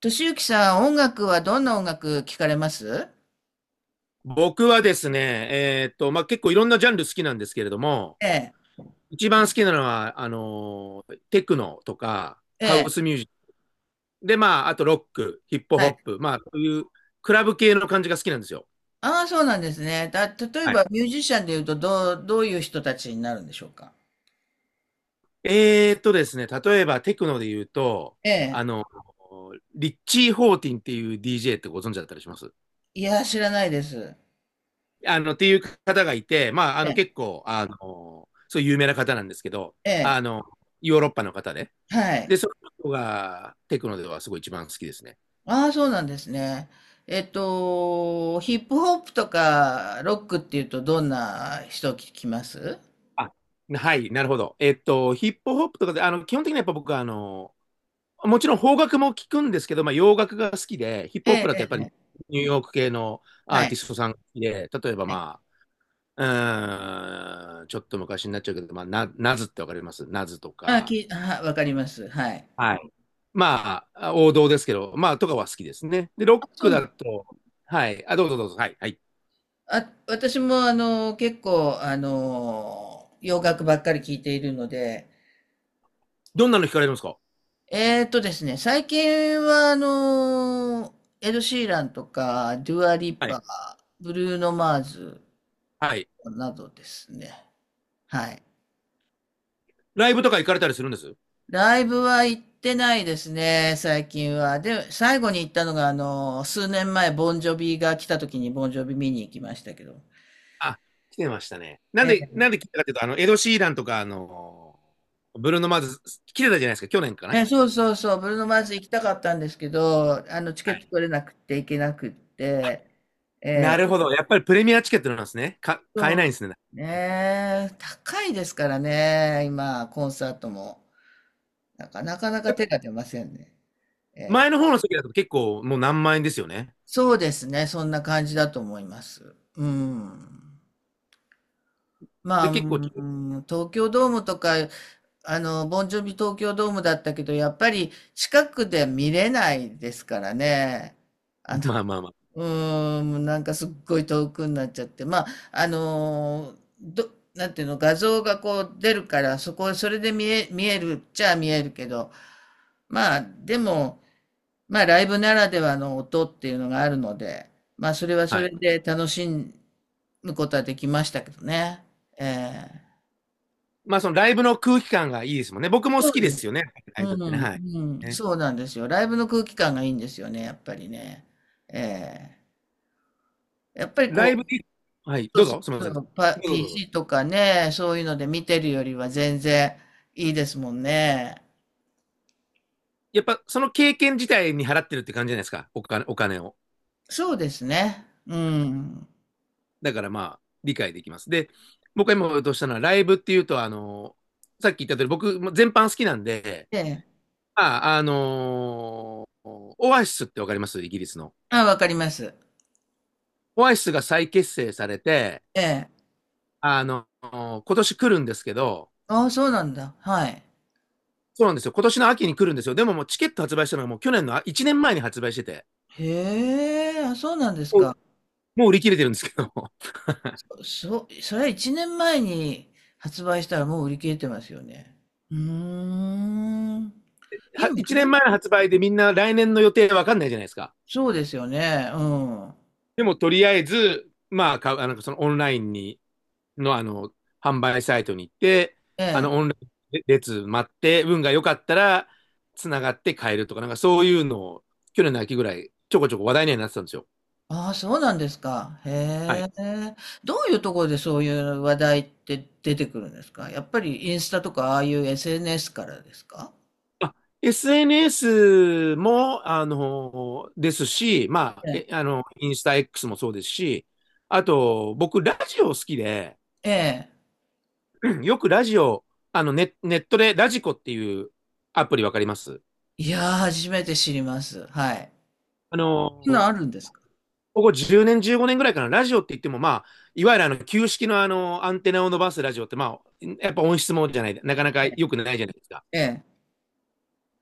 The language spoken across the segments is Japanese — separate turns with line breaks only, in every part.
俊之さん、音楽はどんな音楽聞かれます？
僕はですね、まあ、結構いろんなジャンル好きなんですけれども、
ええ、
一番好きなのは、テクノとか、
え
ハウ
え、
スミュージック、で、まあ、あとロック、ヒップ
は
ホ
い。
ップ、まあ、そういうクラブ系の感じが好きなんですよ。
ああ、そうなんですね。例え
はい。
ばミュージシャンでいうと、どういう人たちになるんでしょうか？
ですね、例えばテクノで言うと、
え
あ
え、
のリッチー・ホーティンっていう DJ ってご存知だったりします？
いや、知らないです。
っていう方がいて、まあ、
ええ、
結構、そういう有名な方なんですけど、
ええ、
あの、ヨーロッパの方で、
はい。
で、その人がテクノではすごい一番好きですね。
ああ、そうなんですね。えっと、ヒップホップとかロックっていうと、どんな人聞きます？
あ、はい、なるほど。ヒップホップとかで、基本的にはやっぱ僕は、もちろん邦楽も聞くんですけど、まあ、洋楽が好きで、ヒップホップ
え
だとやっ
え、
ぱり
ええ、
ニューヨーク系のア
は
ーティ
い。
ストさんが好きで、例えば
はい。
まあ、うーん、ちょっと昔になっちゃうけど、まあ、ナズってわかります？ナズと
ああ、
か、
わかります。はい。
はい。まあ、王道ですけど、まあ、とかは好きですね。で、ロッ
あ、そう
ク
なん、
だと、はい、あ、どうぞどうぞ、はい、はい。
あ、私もあの、結構あの、洋楽ばっかり聴いているので、
どんなの聞かれるんですか？
えーとですね、最近はあの、エド・シーランとか、デュア・リッ
は
パ
い。
ー、ブルーノ・マーズ
はい。
などですね。はい。
ライブとか行かれたりするんです？
ライブは行ってないですね、最近は。で、最後に行ったのがあの、数年前、ボンジョビが来た時にボンジョビ見に行きましたけど。
あ、来てましたね。なんで聞いたかっていうと、エド・シーランとか、ブルーノ・マーズ、来てたじゃないですか、去年かな。
え、そうそうそう、ブルーノ・マーズ行きたかったんですけど、あの、チケ
は
ット
い、
取れなくて行けなくって、え
な
え、
るほど。やっぱりプレミアチケットなんですね。買えな
そ
いんで
う
すね。
ね、高いですからね、今、コンサートも。なんかなかなか手が出ませんね。え
前
え、
の方の席だと結構もう何万円ですよね。
そうですね、そんな感じだと思います。うん。まあ、
で、
う
結構、
ん、東京ドームとか、あの、ボンジョビ東京ドームだったけど、やっぱり近くで見れないですからね。あの、
まあまあま
うーん、なんかすっごい遠くになっちゃって、まあ、あのーど、なんていうの、画像がこう出るから、そこ、それで見えるっちゃ見えるけど、まあ、でも、まあ、ライブならではの音っていうのがあるので、まあ、それは
あ。
そ
はい。
れで楽しむことはできましたけどね。ええ、
まあそのライブの空気感がいいですもんね。僕も好
そう
きで
です。
すよね。ライ
う
ブっ
ん、
てね。はい。
うん、
ね。
そうなんですよ。ライブの空気感がいいんですよね、やっぱりね。ええ、やっぱり
ライ
こ
ブ
う、
にはい。
そ
ど
う
う
そう
ぞ。すみません。
そ
ど
う、
うぞどうぞ。
PC とかね、そういうので見てるよりは全然いいですもんね。
やっぱその経験自体に払ってるって感じじゃないですか。お金、お金を。
そうですね。うん。
だからまあ、理解できます。で、僕が今言おうとしたのは、ライブっていうと、さっき言った通り、僕、全般好きなんで、
ええ。
まあ、オアシスってわかります？イギリスの。
あ、わかります。
オアシスが再結成されて、
ええ。
今年来るんですけど、
あ、そうなんだ。はい。
そうなんですよ。今年の秋に来るんですよ。でももうチケット発売したのがもう去年の1年前に発売してて、
へえ、あ、そうなんですか。
もう売り切れてるんですけど
それは1年前に発売したらもう売り切れてますよね。うーん。今、
1
そん
年
な、
前の発売でみんな来年の予定わかんないじゃないですか。
そうですよね。うん。
でもとりあえず、まあ、そのオンラインにの、あの、販売サイトに行って、
ええ。
オンラインで列待って、運が良かったら、つながって買えるとか、なんかそういうのを、去年の秋ぐらい、ちょこちょこ話題にはなってたんですよ。
ああ、そうなんですか。へ
はい。
え。どういうところでそういう話題って出てくるんですか？やっぱりインスタとかああいう SNS からですか？
あ、SNS も、ですし、まあ、
え
え、
え。
あの、インスタ、 X もそうですし、あと、僕、ラジオ好きで、
ええ。
よくラジオ、ネットでラジコっていうアプリわかります？
いやー、初めて知ります。はい。
あ
そんなん
の、
あるんですか？
ここ10年、15年ぐらいからラジオって言っても、まあ、いわゆるあの旧式のあのアンテナを伸ばすラジオって、まあ、やっぱ音質もじゃない、なかなか
え
良くないじゃないですか。
え。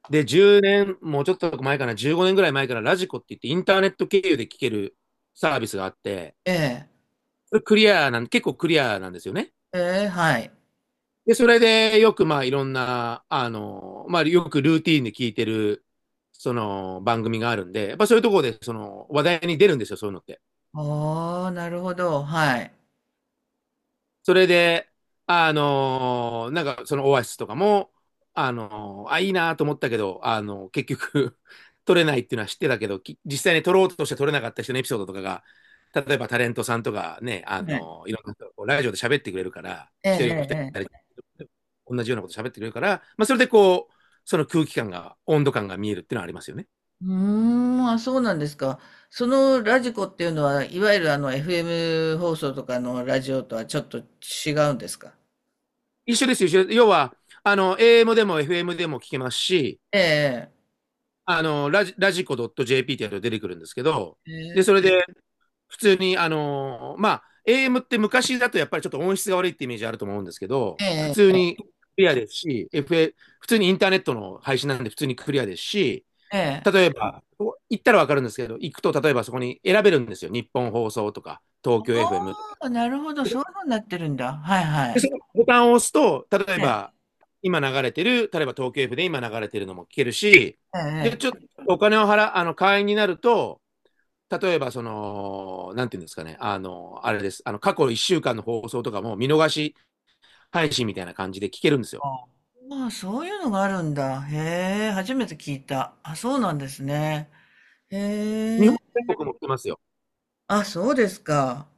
で、10年、もうちょっと前かな、15年ぐらい前からラジコって言って、インターネット経由で聞けるサービスがあって、
ええ。
それクリアなん、結構クリアなんですよね。
ええ、はい。
で、それでよくまあいろんな、まあよくルーティーンで聞いてる、その番組があるんで、やっぱそういうところでその話題に出るんですよ、そういうのって。
ああ、なるほど。はい。
それで、なんかそのオアシスとかも、いいなと思ったけど、結局 取れないっていうのは知ってたけど、実際に取ろうとして取れなかった人のエピソードとかが、例えばタレントさんとかね、
ええ。
いろんな人がこうラジオで喋ってくれるから、
ええ、
一人二
え
人、
え。
同じようなこと喋ってくれるから、まあ、それでこう、その空気感が、温度感が見えるっていうのはありますよね。
うーん、あ、そうなんですか。そのラジコっていうのは、いわゆるあの FM 放送とかのラジオとはちょっと違うんですか？
一緒ですよ、一緒です。要は、AM でも FM でも聞けますし、
ええ。
ラジコ .jp ってやると出てくるんですけど、
え
で、それ
え、
で、普通に、まあ、AM って昔だとやっぱりちょっと音質が悪いってイメージあると思うんですけど、普
え
通
え、
にクリアですし、普通にインターネットの配信なんで普通にクリアですし、
え
例
え。
えば、行ったらわかるんですけど、行くと例えばそこに選べるんですよ。日本放送とか、東京
あ
FM とか。
あ、なるほど、
で、
そういう風になってるんだ。はいはい。
そのボタンを押すと、例え
え
ば、
え、
今流れてる、例えば東京 F で今流れてるのも聞けるし、
ええ、
で、
え
ちょっと
え。
お金を払、会員になると、例えば、その、なんていうんですかね、あれです、過去1週間の放送とかも見逃し配信みたいな感じで聞けるんですよ。
ああ、まあ、そういうのがあるんだ。へえ、初めて聞いた。あ、そうなんですね。へ
日本
え、
全国も聞けますよ。
あ、そうですか。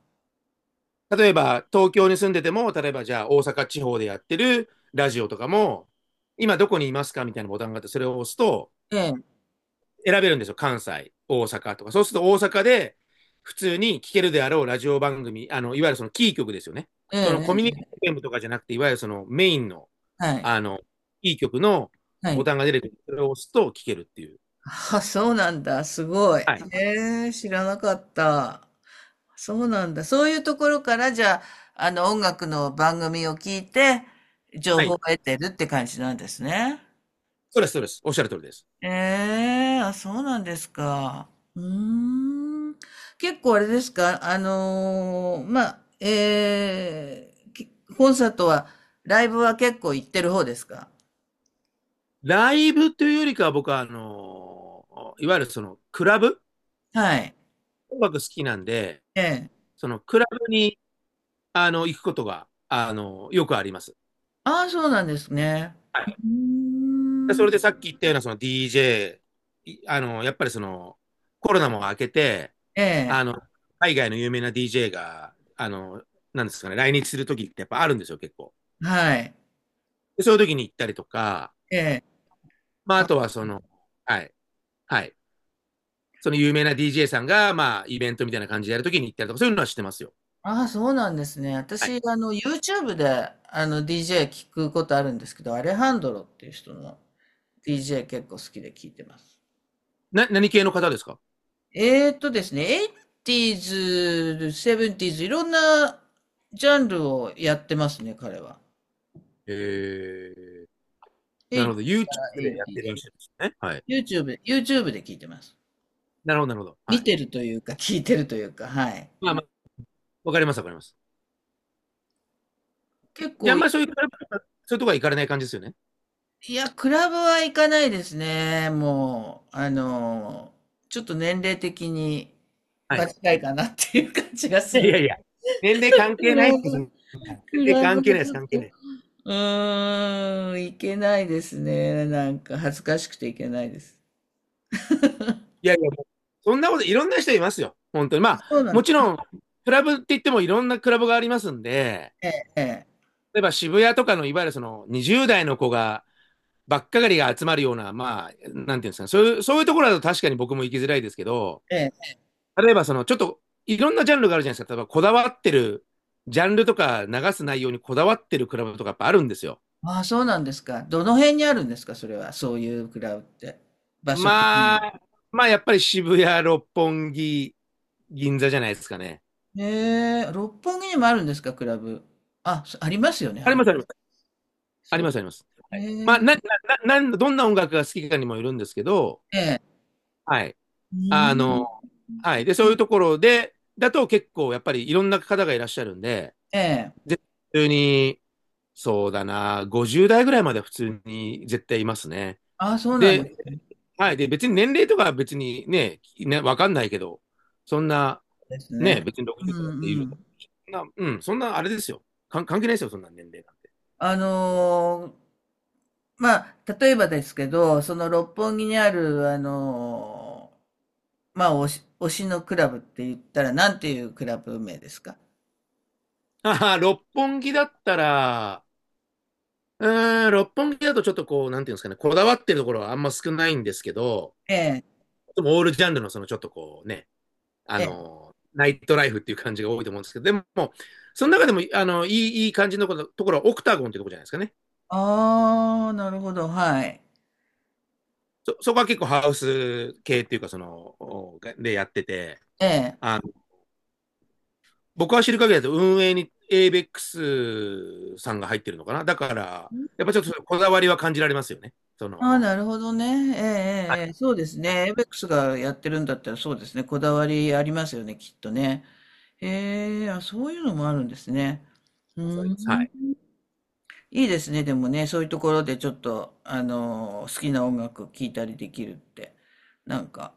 例えば、東京に住んでても、例えばじゃあ大阪地方でやってるラジオとかも、今どこにいますか？みたいなボタンがあって、それを押すと、
ええ、
選べるんですよ。関西、大阪とか。そうすると大阪で普通に聴けるであろうラジオ番組、いわゆるそのキー局ですよね。
え
そのコ
え、
ミュ
え
ニテ
え、
ィームとかじゃなくて、いわゆるそのメインの、
はい、
あの、キー局の
は
ボ
い。
タンが出てくる。それを押すと聴けるっていう。
あ、そうなんだ。すごい。
はい。
へえ、知らなかった。そうなんだ。そういうところから、じゃあ、あの、音楽の番組を聞いて、情
は
報を
い。
得てるって感じなんですね。
そうです、そうです。おっしゃる通りです。
ええ、あ、そうなんですか。うーん。結構あれですか？あのーまあ、ええきコンサートは、ライブは結構行ってる方ですか？
ライブというよりかは僕は、いわゆるそのクラブ
はい。
音楽好きなんで、
ええ。
そのクラブに、行くことが、よくあります。
ああ、そうなんですね。
は
うー
い。でそ
ん。
れでさっき言ったようなその DJ、やっぱりそのコロナも明けて、
え
あの、
え。
海外の有名な DJ が、なんですかね、来日するときってやっぱあるんですよ、結構。
はい。
でそういうときに行ったりとか、
ええ。
まあ、あ
あ、
とはその、はい、はい。その有名な DJ さんが、まあ、イベントみたいな感じでやるときに行ったりとか、そういうのは知ってますよ。
ああ、そうなんですね。
はい。
私、あの、YouTube で、あの、DJ 聞くことあるんですけど、アレハンドロっていう人の DJ 結構好きで聞いてます。
何系の方ですか？
ですね、エイティーズ、セブンティーズ、いろんなジャンルをやってますね、彼は。
えー、な
エ
る
イ
ほ
タ
ど。YouTube
エイ
でやっ
ティ
てるらっしゃですね。はい。
ーズ。YouTube で聞いてます。
なるほど、なるほど。は
見
い。
てるというか、聞いてるというか、はい。
まあまあ、わかります、わかります。
結
じゃあ、あ
構、
んま
い
りそういうとか、そういうとこは行かれない感じですよね。
や、クラブは行かないですね。もう、あの、ちょっと年齢的に
は
場
い。
違いかなっていう感じが
い
す
やい
る。
やいや、年齢関
ク
係
ラ
ないです。
ブ、
年
ク
齢
ラブ
関
は
係ないで
ち
す、
ょっ
関
と、
係な
う
い。
ーん、行けないですね。なんか恥ずかしくて行けないです。
いやいや、そんなこと、いろんな人いますよ。本当に。まあ、
そうなん
も
です。
ちろん、クラブって言ってもいろんなクラブがありますんで、
ええ、ええ、
例えば渋谷とかの、いわゆるその20代の子が、ばっかがりが集まるような、まあ、なんていうんですかね、そういうところだと確かに僕も行きづらいですけど、
ええ。
例えばその、ちょっと、いろんなジャンルがあるじゃないですか。例えば、こだわってる、ジャンルとか流す内容にこだわってるクラブとかやっぱあるんですよ。
ああ、そうなんですか。どの辺にあるんですか、それは。そういうクラブって。場所的
ま
に。
あ、まあ、やっぱり渋谷、六本木、銀座じゃないですかね。
へえ、六本木にもあるんですか、クラブ。あ、そ、ありますよね、
あ
あ
り
り。
ます、あります。あ
そ
り
う。
ます、あります。
へ
はい、まあ、
え、
な、な、な、どんな音楽が好きかにもよるんですけど、
ええ。
はい。
う
あの、
ん。
はい。で、そういうところで、だと結構、やっぱりいろんな方がいらっしゃるんで、
ええ。
絶対に、そうだな、50代ぐらいまで普通に絶対いますね。
ああ、そうなんです
で、
ね。
はい。で、別に年齢とかは別にね、わかんないけど、そんな、
です
ね、
ね。
別に
う
60代だって
んう
い
ん。
うん、そんなあれですよ。関係ないですよ、そんな年齢なんて。
あのーまあ、例えばですけど、その六本木にある、あのーまあ、推しのクラブって言ったら、なんていうクラブ名ですか？
あはは六本木だったら、うーん、六本木だとちょっとこう、なんていうんですかね、こだわってるところはあんま少ないんですけど、
ええ、
でもオールジャンルのそのちょっとこうね、
ええ。
ナイトライフっていう感じが多いと思うんですけど、でも、その中でも、いい感じのところはオクタゴンっていうところじゃないですかね。
ああ、なるほど、はい。
そこは結構ハウス系っていうか、その、おがでやってて、
ええ。
あ僕は知る限りだと運営に ABEX さんが入ってるのかな。だから、やっぱちょっとこだわりは感じられますよね。そ
あ
の、
あ、なるほどね。ええ、ええ、ええ、そうです
はい、
ね。エイベックスがやってるんだったらそうですね。こだわりありますよね、きっとね。へえ、あ、そういうのもあるんですね。う
わ
ー
かります。はい。
ん。いいですね、でもね、そういうところでちょっと、あのー好きな音楽聴いたりできるって、なんか、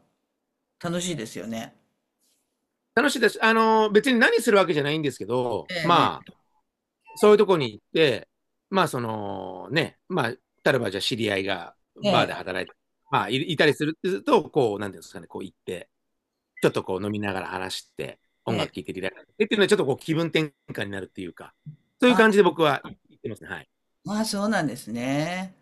楽しいですよね。
楽しいです。別に何するわけじゃないんですけど、
ええ、
まあ、そういうとこに行って、まあ、その、ね、まあ、例えばじゃあ知り合いが
え
バーで
え、
働いて、まあ、いいたりすると、こう、なんていうんですかね、こう行って、ちょっとこう飲みながら話して、
え
音
え、
楽聴いてリラックスしてっていうのは、ちょっとこう気分転換になるっていうか、そういう感
あ、
じで僕は行ってますね。はい。
まあ、そうなんですね。